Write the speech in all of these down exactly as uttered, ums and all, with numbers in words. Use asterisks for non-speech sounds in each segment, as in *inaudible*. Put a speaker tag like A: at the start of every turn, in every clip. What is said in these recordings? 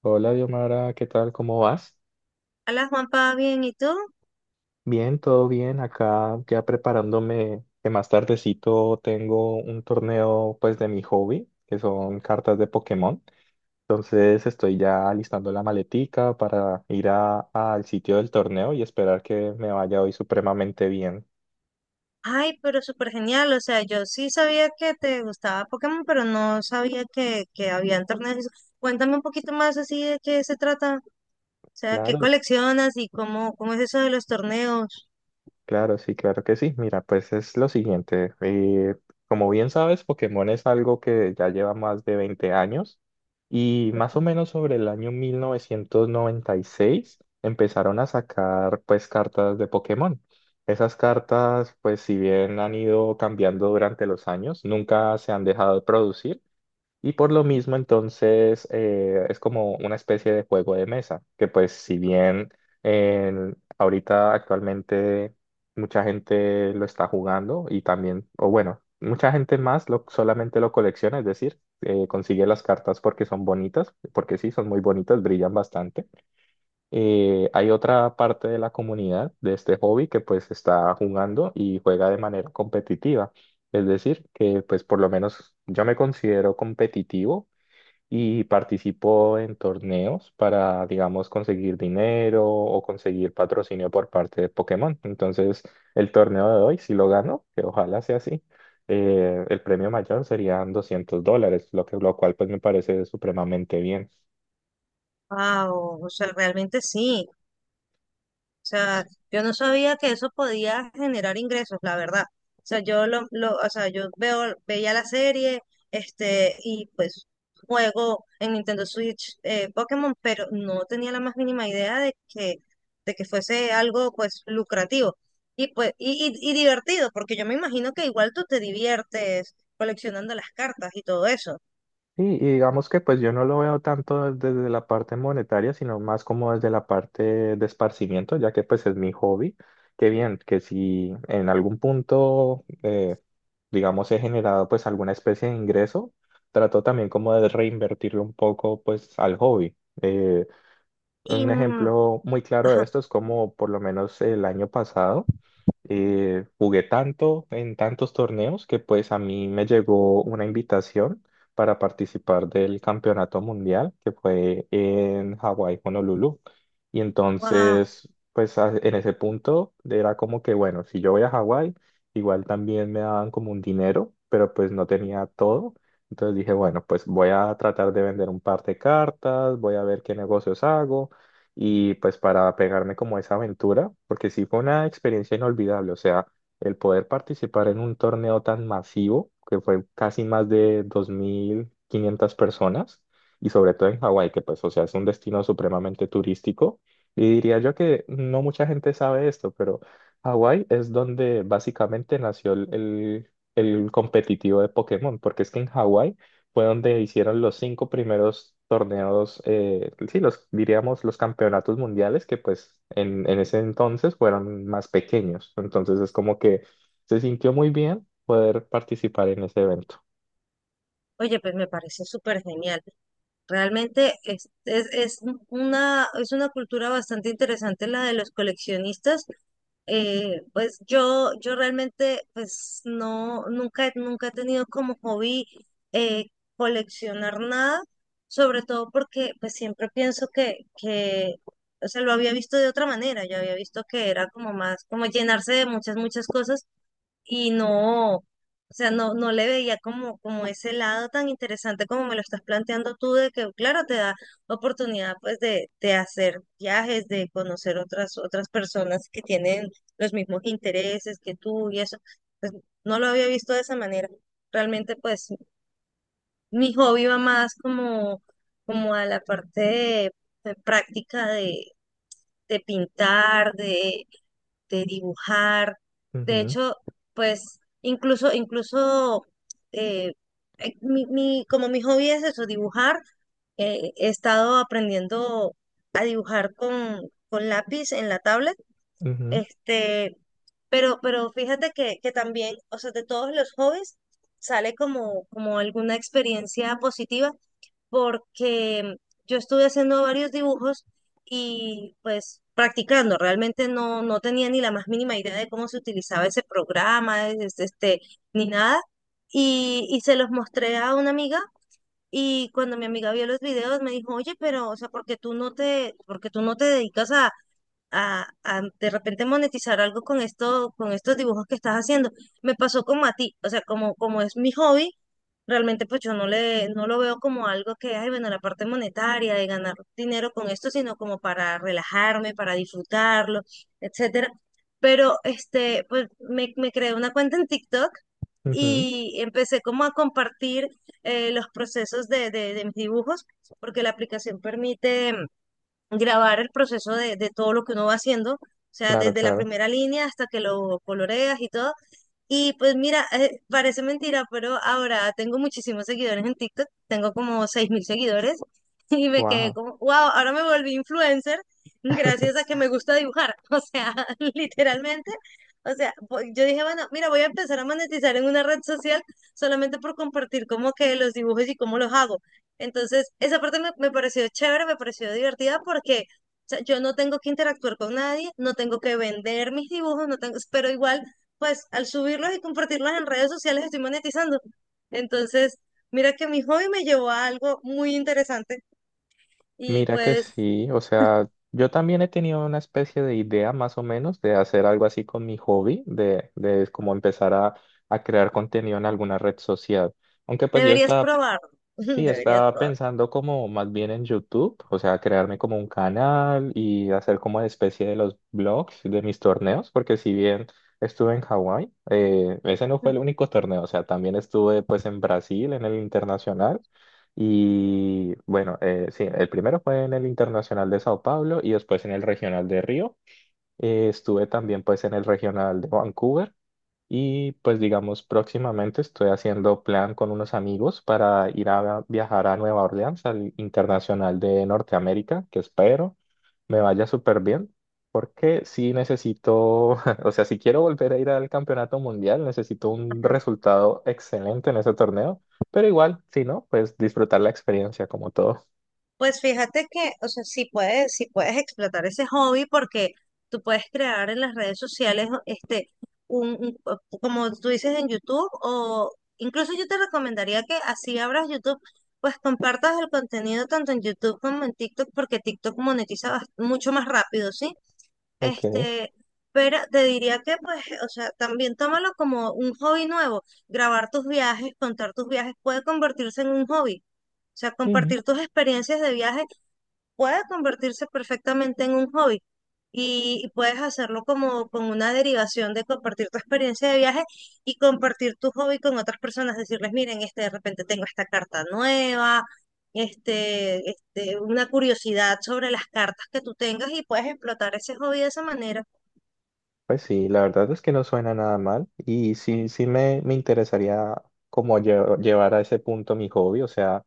A: Hola, Diomara, ¿qué tal? ¿Cómo vas?
B: Hola Juanpa, bien, ¿y tú?
A: Bien, todo bien. Acá ya preparándome que más tardecito tengo un torneo pues de mi hobby, que son cartas de Pokémon. Entonces estoy ya alistando la maletica para ir a- al sitio del torneo y esperar que me vaya hoy supremamente bien.
B: Ay, pero súper genial, o sea, yo sí sabía que te gustaba Pokémon, pero no sabía que, que había torneos. y eso. Cuéntame un poquito más así de qué se trata, o sea, qué
A: Claro.
B: coleccionas y cómo, cómo es eso de los torneos.
A: Claro, sí, claro que sí. Mira, pues es lo siguiente. Eh, como bien sabes, Pokémon es algo que ya lleva más de veinte años y más o menos sobre el año mil novecientos noventa y seis empezaron a sacar pues cartas de Pokémon. Esas cartas pues si bien han ido cambiando durante los años, nunca se han dejado de producir. Y por lo mismo, entonces, eh, es como una especie de juego de mesa, que pues si bien en- ahorita actualmente mucha gente lo está jugando y también, o bueno, mucha gente más lo, solamente lo colecciona, es decir, eh, consigue las cartas porque son bonitas, porque sí, son muy bonitas, brillan bastante. Eh, hay otra parte de la comunidad de este hobby que pues está jugando y juega de manera competitiva. Es decir, que pues por lo menos yo me considero competitivo y participo en torneos para, digamos, conseguir dinero o conseguir patrocinio por parte de Pokémon. Entonces, el torneo de hoy, si lo gano, que ojalá sea así, eh, el premio mayor serían doscientos dólares, lo que, lo cual pues me parece supremamente bien.
B: Wow, o sea, realmente sí. O sea, yo no sabía que eso podía generar ingresos, la verdad. O sea, yo lo, lo, o sea, yo veo, veía la serie, este, y pues juego en Nintendo Switch, eh, Pokémon, pero no tenía la más mínima idea de que, de que fuese algo pues lucrativo y pues, y, y, y divertido, porque yo me imagino que igual tú te diviertes coleccionando las cartas y todo eso.
A: Sí, y digamos que pues yo no lo veo tanto desde la parte monetaria, sino más como desde la parte de esparcimiento, ya que pues es mi hobby. Qué bien, que si en algún punto, eh, digamos, he generado pues alguna especie de ingreso, trato también como de reinvertirlo un poco pues al hobby. Eh,
B: Y
A: un
B: mm,
A: ejemplo muy claro de
B: ajá,
A: esto es como por lo menos el año pasado eh, jugué tanto en tantos torneos que pues a mí me llegó una invitación para participar del campeonato mundial que fue en Hawái, Honolulu. Y
B: wow.
A: entonces, pues a- en ese punto era como que, bueno, si yo voy a Hawái, igual también me daban como un dinero, pero pues no tenía todo. Entonces dije, bueno, pues voy a tratar de vender un par de cartas, voy a ver qué negocios hago y pues para pegarme como a esa aventura, porque sí fue una experiencia inolvidable, o sea, el poder participar en un torneo tan masivo, que fue casi más de dos mil quinientas personas, y sobre todo en Hawái, que pues, o sea, es un destino supremamente turístico, y diría yo que no mucha gente sabe esto, pero Hawái es donde básicamente nació el, el el competitivo de Pokémon, porque es que en Hawái fue donde hicieron los cinco primeros torneos, eh, sí, los diríamos los campeonatos mundiales, que pues en, en ese entonces fueron más pequeños. Entonces es como que se sintió muy bien poder participar en ese evento.
B: Oye, pues me parece súper genial. Realmente es, es, es un- una, es una cultura bastante interesante la de los coleccionistas. Eh, pues yo, yo, realmente pues no, nunca, nunca he tenido como hobby, eh, coleccionar nada, sobre todo porque pues siempre pienso que, que, o sea, lo había visto de otra manera. Yo había visto que era como más, como llenarse de muchas, muchas cosas y no, o sea, no, no le veía como, como, ese lado tan interesante como me lo estás planteando tú, de que, claro, te da oportunidad pues de, de, hacer viajes, de conocer otras, otras personas que tienen los mismos intereses que tú y eso, pues no lo había visto de esa manera. Realmente pues mi hobby va más como, como a la parte de, de práctica de, de pintar, de dibujar. De
A: Ujú,
B: hecho, pues incluso, incluso eh, eh, mi, mi- como mi hobby es eso, dibujar, eh, he estado aprendiendo a dibujar con, con, lápiz en la tablet. Este, pero, pero fíjate que, que también, o sea, de todos los hobbies sale como, como, alguna experiencia positiva, porque yo estuve haciendo varios dibujos y pues practicando. Realmente no, no tenía ni la más mínima idea de cómo se utilizaba ese programa, es- este, ni nada, y, y se los mostré a una amiga. Y cuando mi amiga vio los videos me dijo, oye, pero, o sea, ¿por qué tú no te, porque tú no te dedicas a, a, a, de repente monetizar algo con esto, con estos dibujos que estás haciendo. Me pasó como a ti, o sea, como, como es mi hobby, realmente pues yo no le, no lo veo como algo que, ay, bueno, la parte monetaria de ganar dinero con esto, sino como para relajarme, para disfrutarlo, etcétera. Pero este, pues me, me, creé una cuenta en TikTok
A: ujú, ujú.
B: y empecé como a compartir, eh, los procesos de, de, de, mis dibujos, porque la aplicación permite grabar el proceso de, de todo lo que uno va haciendo, o sea,
A: Claro,
B: desde la
A: claro.
B: primera línea hasta que lo coloreas y todo. Y pues mira, eh, parece mentira, pero ahora tengo muchísimos seguidores en TikTok, tengo como seis mil seguidores *laughs* y me quedé
A: Wow.
B: como, wow, ahora me volví influencer gracias a
A: *laughs*
B: que me gusta dibujar, *laughs* o sea, *laughs* literalmente, o sea, voy- yo dije, bueno, mira, voy a empezar a monetizar en una red social solamente por compartir como que los dibujos y cómo los hago. Entonces, esa parte me, me pareció chévere, me pareció divertida porque... O sea, yo no tengo que interactuar con nadie, no tengo que vender mis dibujos, no tengo, pero igual pues al subirlos y compartirlos en redes sociales estoy monetizando. Entonces, mira que mi hobby me llevó a algo muy interesante y
A: Mira que
B: pues
A: sí, o sea, yo también he tenido una especie de idea más o menos de hacer algo así con mi hobby, de, de como empezar a, a crear contenido en alguna red social. Aunque pues yo
B: deberías
A: estaba.
B: probarlo, *laughs*
A: Sí,
B: deberías
A: estaba
B: probarlo.
A: pensando como más bien en YouTube, o sea, crearme como un canal y hacer como una especie de los blogs de mis torneos, porque si bien estuve en Hawái, eh, ese no fue el único torneo, o sea, también estuve pues en Brasil, en el internacional, y bueno, eh, sí, el primero fue en el internacional de Sao Paulo y después en el regional de Río. Eh, estuve también pues en el regional de Vancouver. Y pues digamos, próximamente estoy haciendo plan con unos amigos para ir a viajar a Nueva Orleans, al Internacional de Norteamérica, que espero me vaya súper bien, porque sí necesito, *laughs* o sea, si quiero volver a ir al Campeonato Mundial, necesito un resultado excelente en ese torneo, pero igual, si no, pues disfrutar la experiencia como todo.
B: Pues fíjate que, o sea, sí puedes, sí puedes explotar ese hobby, porque tú puedes crear en las redes sociales, este, un, un- o- como tú dices en YouTube, o incluso yo te recomendaría que así abras YouTube, pues compartas el contenido tanto en YouTube como en TikTok, porque TikTok monetiza bas- mucho más rápido, ¿sí?
A: Ok.
B: Este, pero te diría que, pues, o sea, también tómalo como un hobby nuevo. Grabar tus viajes, contar tus viajes puede convertirse en un hobby. O sea,
A: Ujú.
B: compartir tus experiencias de viaje puede convertirse perfectamente en un hobby, y, y puedes hacerlo como con una derivación de compartir tu experiencia de viaje y compartir tu hobby con otras personas, decirles, miren, este, de repente tengo esta carta nueva, este, este, una curiosidad sobre las cartas que tú tengas, y puedes explotar ese hobby de esa manera.
A: Pues sí, la verdad es que no suena nada mal y sí, sí me, me interesaría como lle- llevar a ese punto mi hobby. O sea,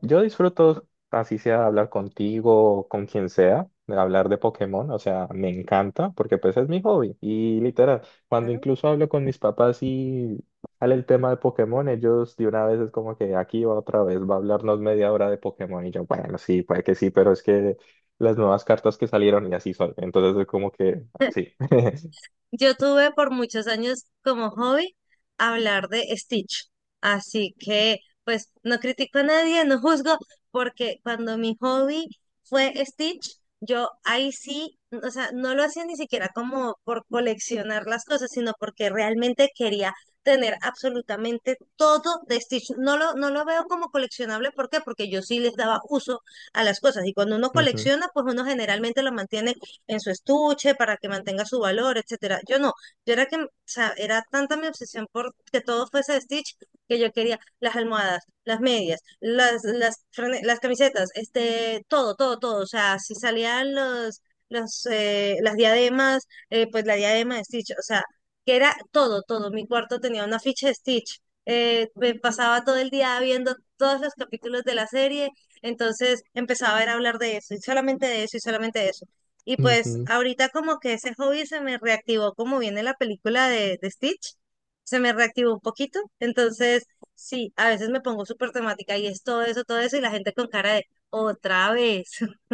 A: yo disfruto, así sea hablar contigo o con quien sea, de hablar de Pokémon. O sea, me encanta porque pues es mi hobby. Y literal, cuando
B: Claro.
A: incluso hablo con mis papás y sale el tema de Pokémon, ellos de una vez es como que aquí va otra vez, va a hablarnos media hora de Pokémon. Y yo, bueno, sí, puede que sí, pero es que las nuevas cartas que salieron y así son. Entonces es como que
B: *laughs*
A: sí. *laughs*
B: Yo tuve por muchos años como hobby hablar de Stitch, así que pues no critico a nadie, no juzgo, porque cuando mi hobby fue Stitch, yo ahí sí, o sea, no lo hacía ni siquiera como por coleccionar las cosas, sino porque realmente quería tener absolutamente todo de Stitch. No lo, no lo veo como coleccionable. ¿Por qué? Porque yo sí les daba uso a las cosas, y cuando uno
A: Ujú,
B: colecciona, pues uno generalmente lo mantiene en su estuche para que mantenga su valor, etcétera. Yo no, yo era que, o sea, era tanta mi obsesión por que todo fuese de Stitch, que yo quería las almohadas, las medias, las, las, frane- las camisetas, este, todo, todo, todo. O sea, si salían los, los, eh, las diademas, eh, pues la diadema de Stitch, o sea, que era todo, todo. Mi cuarto tenía una ficha de Stitch. Eh, me pasaba todo el día viendo todos los capítulos de la serie. Entonces empezaba a ver a hablar de eso y solamente de eso y solamente de eso. Y pues
A: ujú.
B: ahorita como que ese hobby se me reactivó como viene la película de, de Stitch, se me reactivó un poquito. Entonces, sí, a veces me pongo súper temática y es todo eso, todo eso, y la gente con cara de otra vez. *laughs*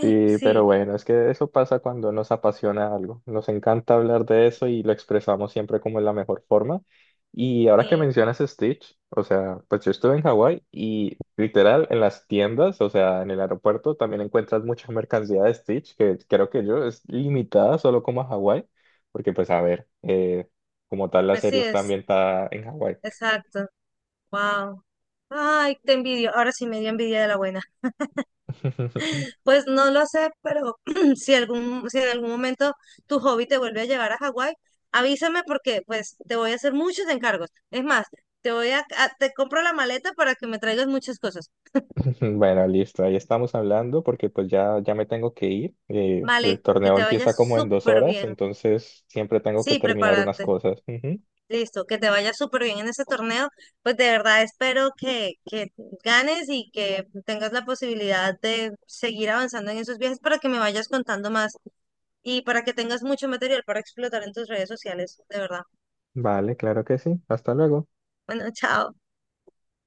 A: Sí, pero
B: Sí,
A: bueno, es que eso pasa cuando nos apasiona algo. Nos encanta hablar de eso y lo expresamos siempre como en la mejor forma. Y ahora que
B: sí,
A: mencionas Stitch, o sea, pues yo estuve en Hawái y literal en las tiendas, o sea, en el aeropuerto también encuentras mucha mercancía de Stitch, que creo que yo es limitada solo como a Hawái, porque pues a ver, eh, como tal la
B: pues
A: serie
B: sí
A: está
B: es,
A: ambientada en Hawái.
B: exacto. Wow. Ay, te envidio. Ahora sí me dio envidia de la buena.
A: *laughs*
B: Pues no lo sé, pero *clears throat* si algún, si en algún momento tu hobby te vuelve a llevar a Hawái, avísame, porque pues te voy a hacer muchos encargos. Es más, te voy a, a- te compro la maleta para que me traigas muchas cosas.
A: *laughs* Bueno, listo, ahí estamos hablando porque pues ya, ya me tengo que ir. Eh,
B: Vale,
A: el
B: que
A: torneo
B: te vaya
A: empieza como en dos
B: súper
A: horas,
B: bien.
A: entonces siempre tengo que
B: Sí,
A: terminar unas
B: prepárate.
A: cosas. Ujú.
B: Listo, que te vaya súper bien en ese torneo. Pues de verdad espero que, que ganes y que tengas la posibilidad de seguir avanzando en esos viajes para que me vayas contando más y para que tengas mucho material para explotar en tus redes sociales, de verdad.
A: Vale, claro que sí. Hasta luego.
B: Bueno, chao.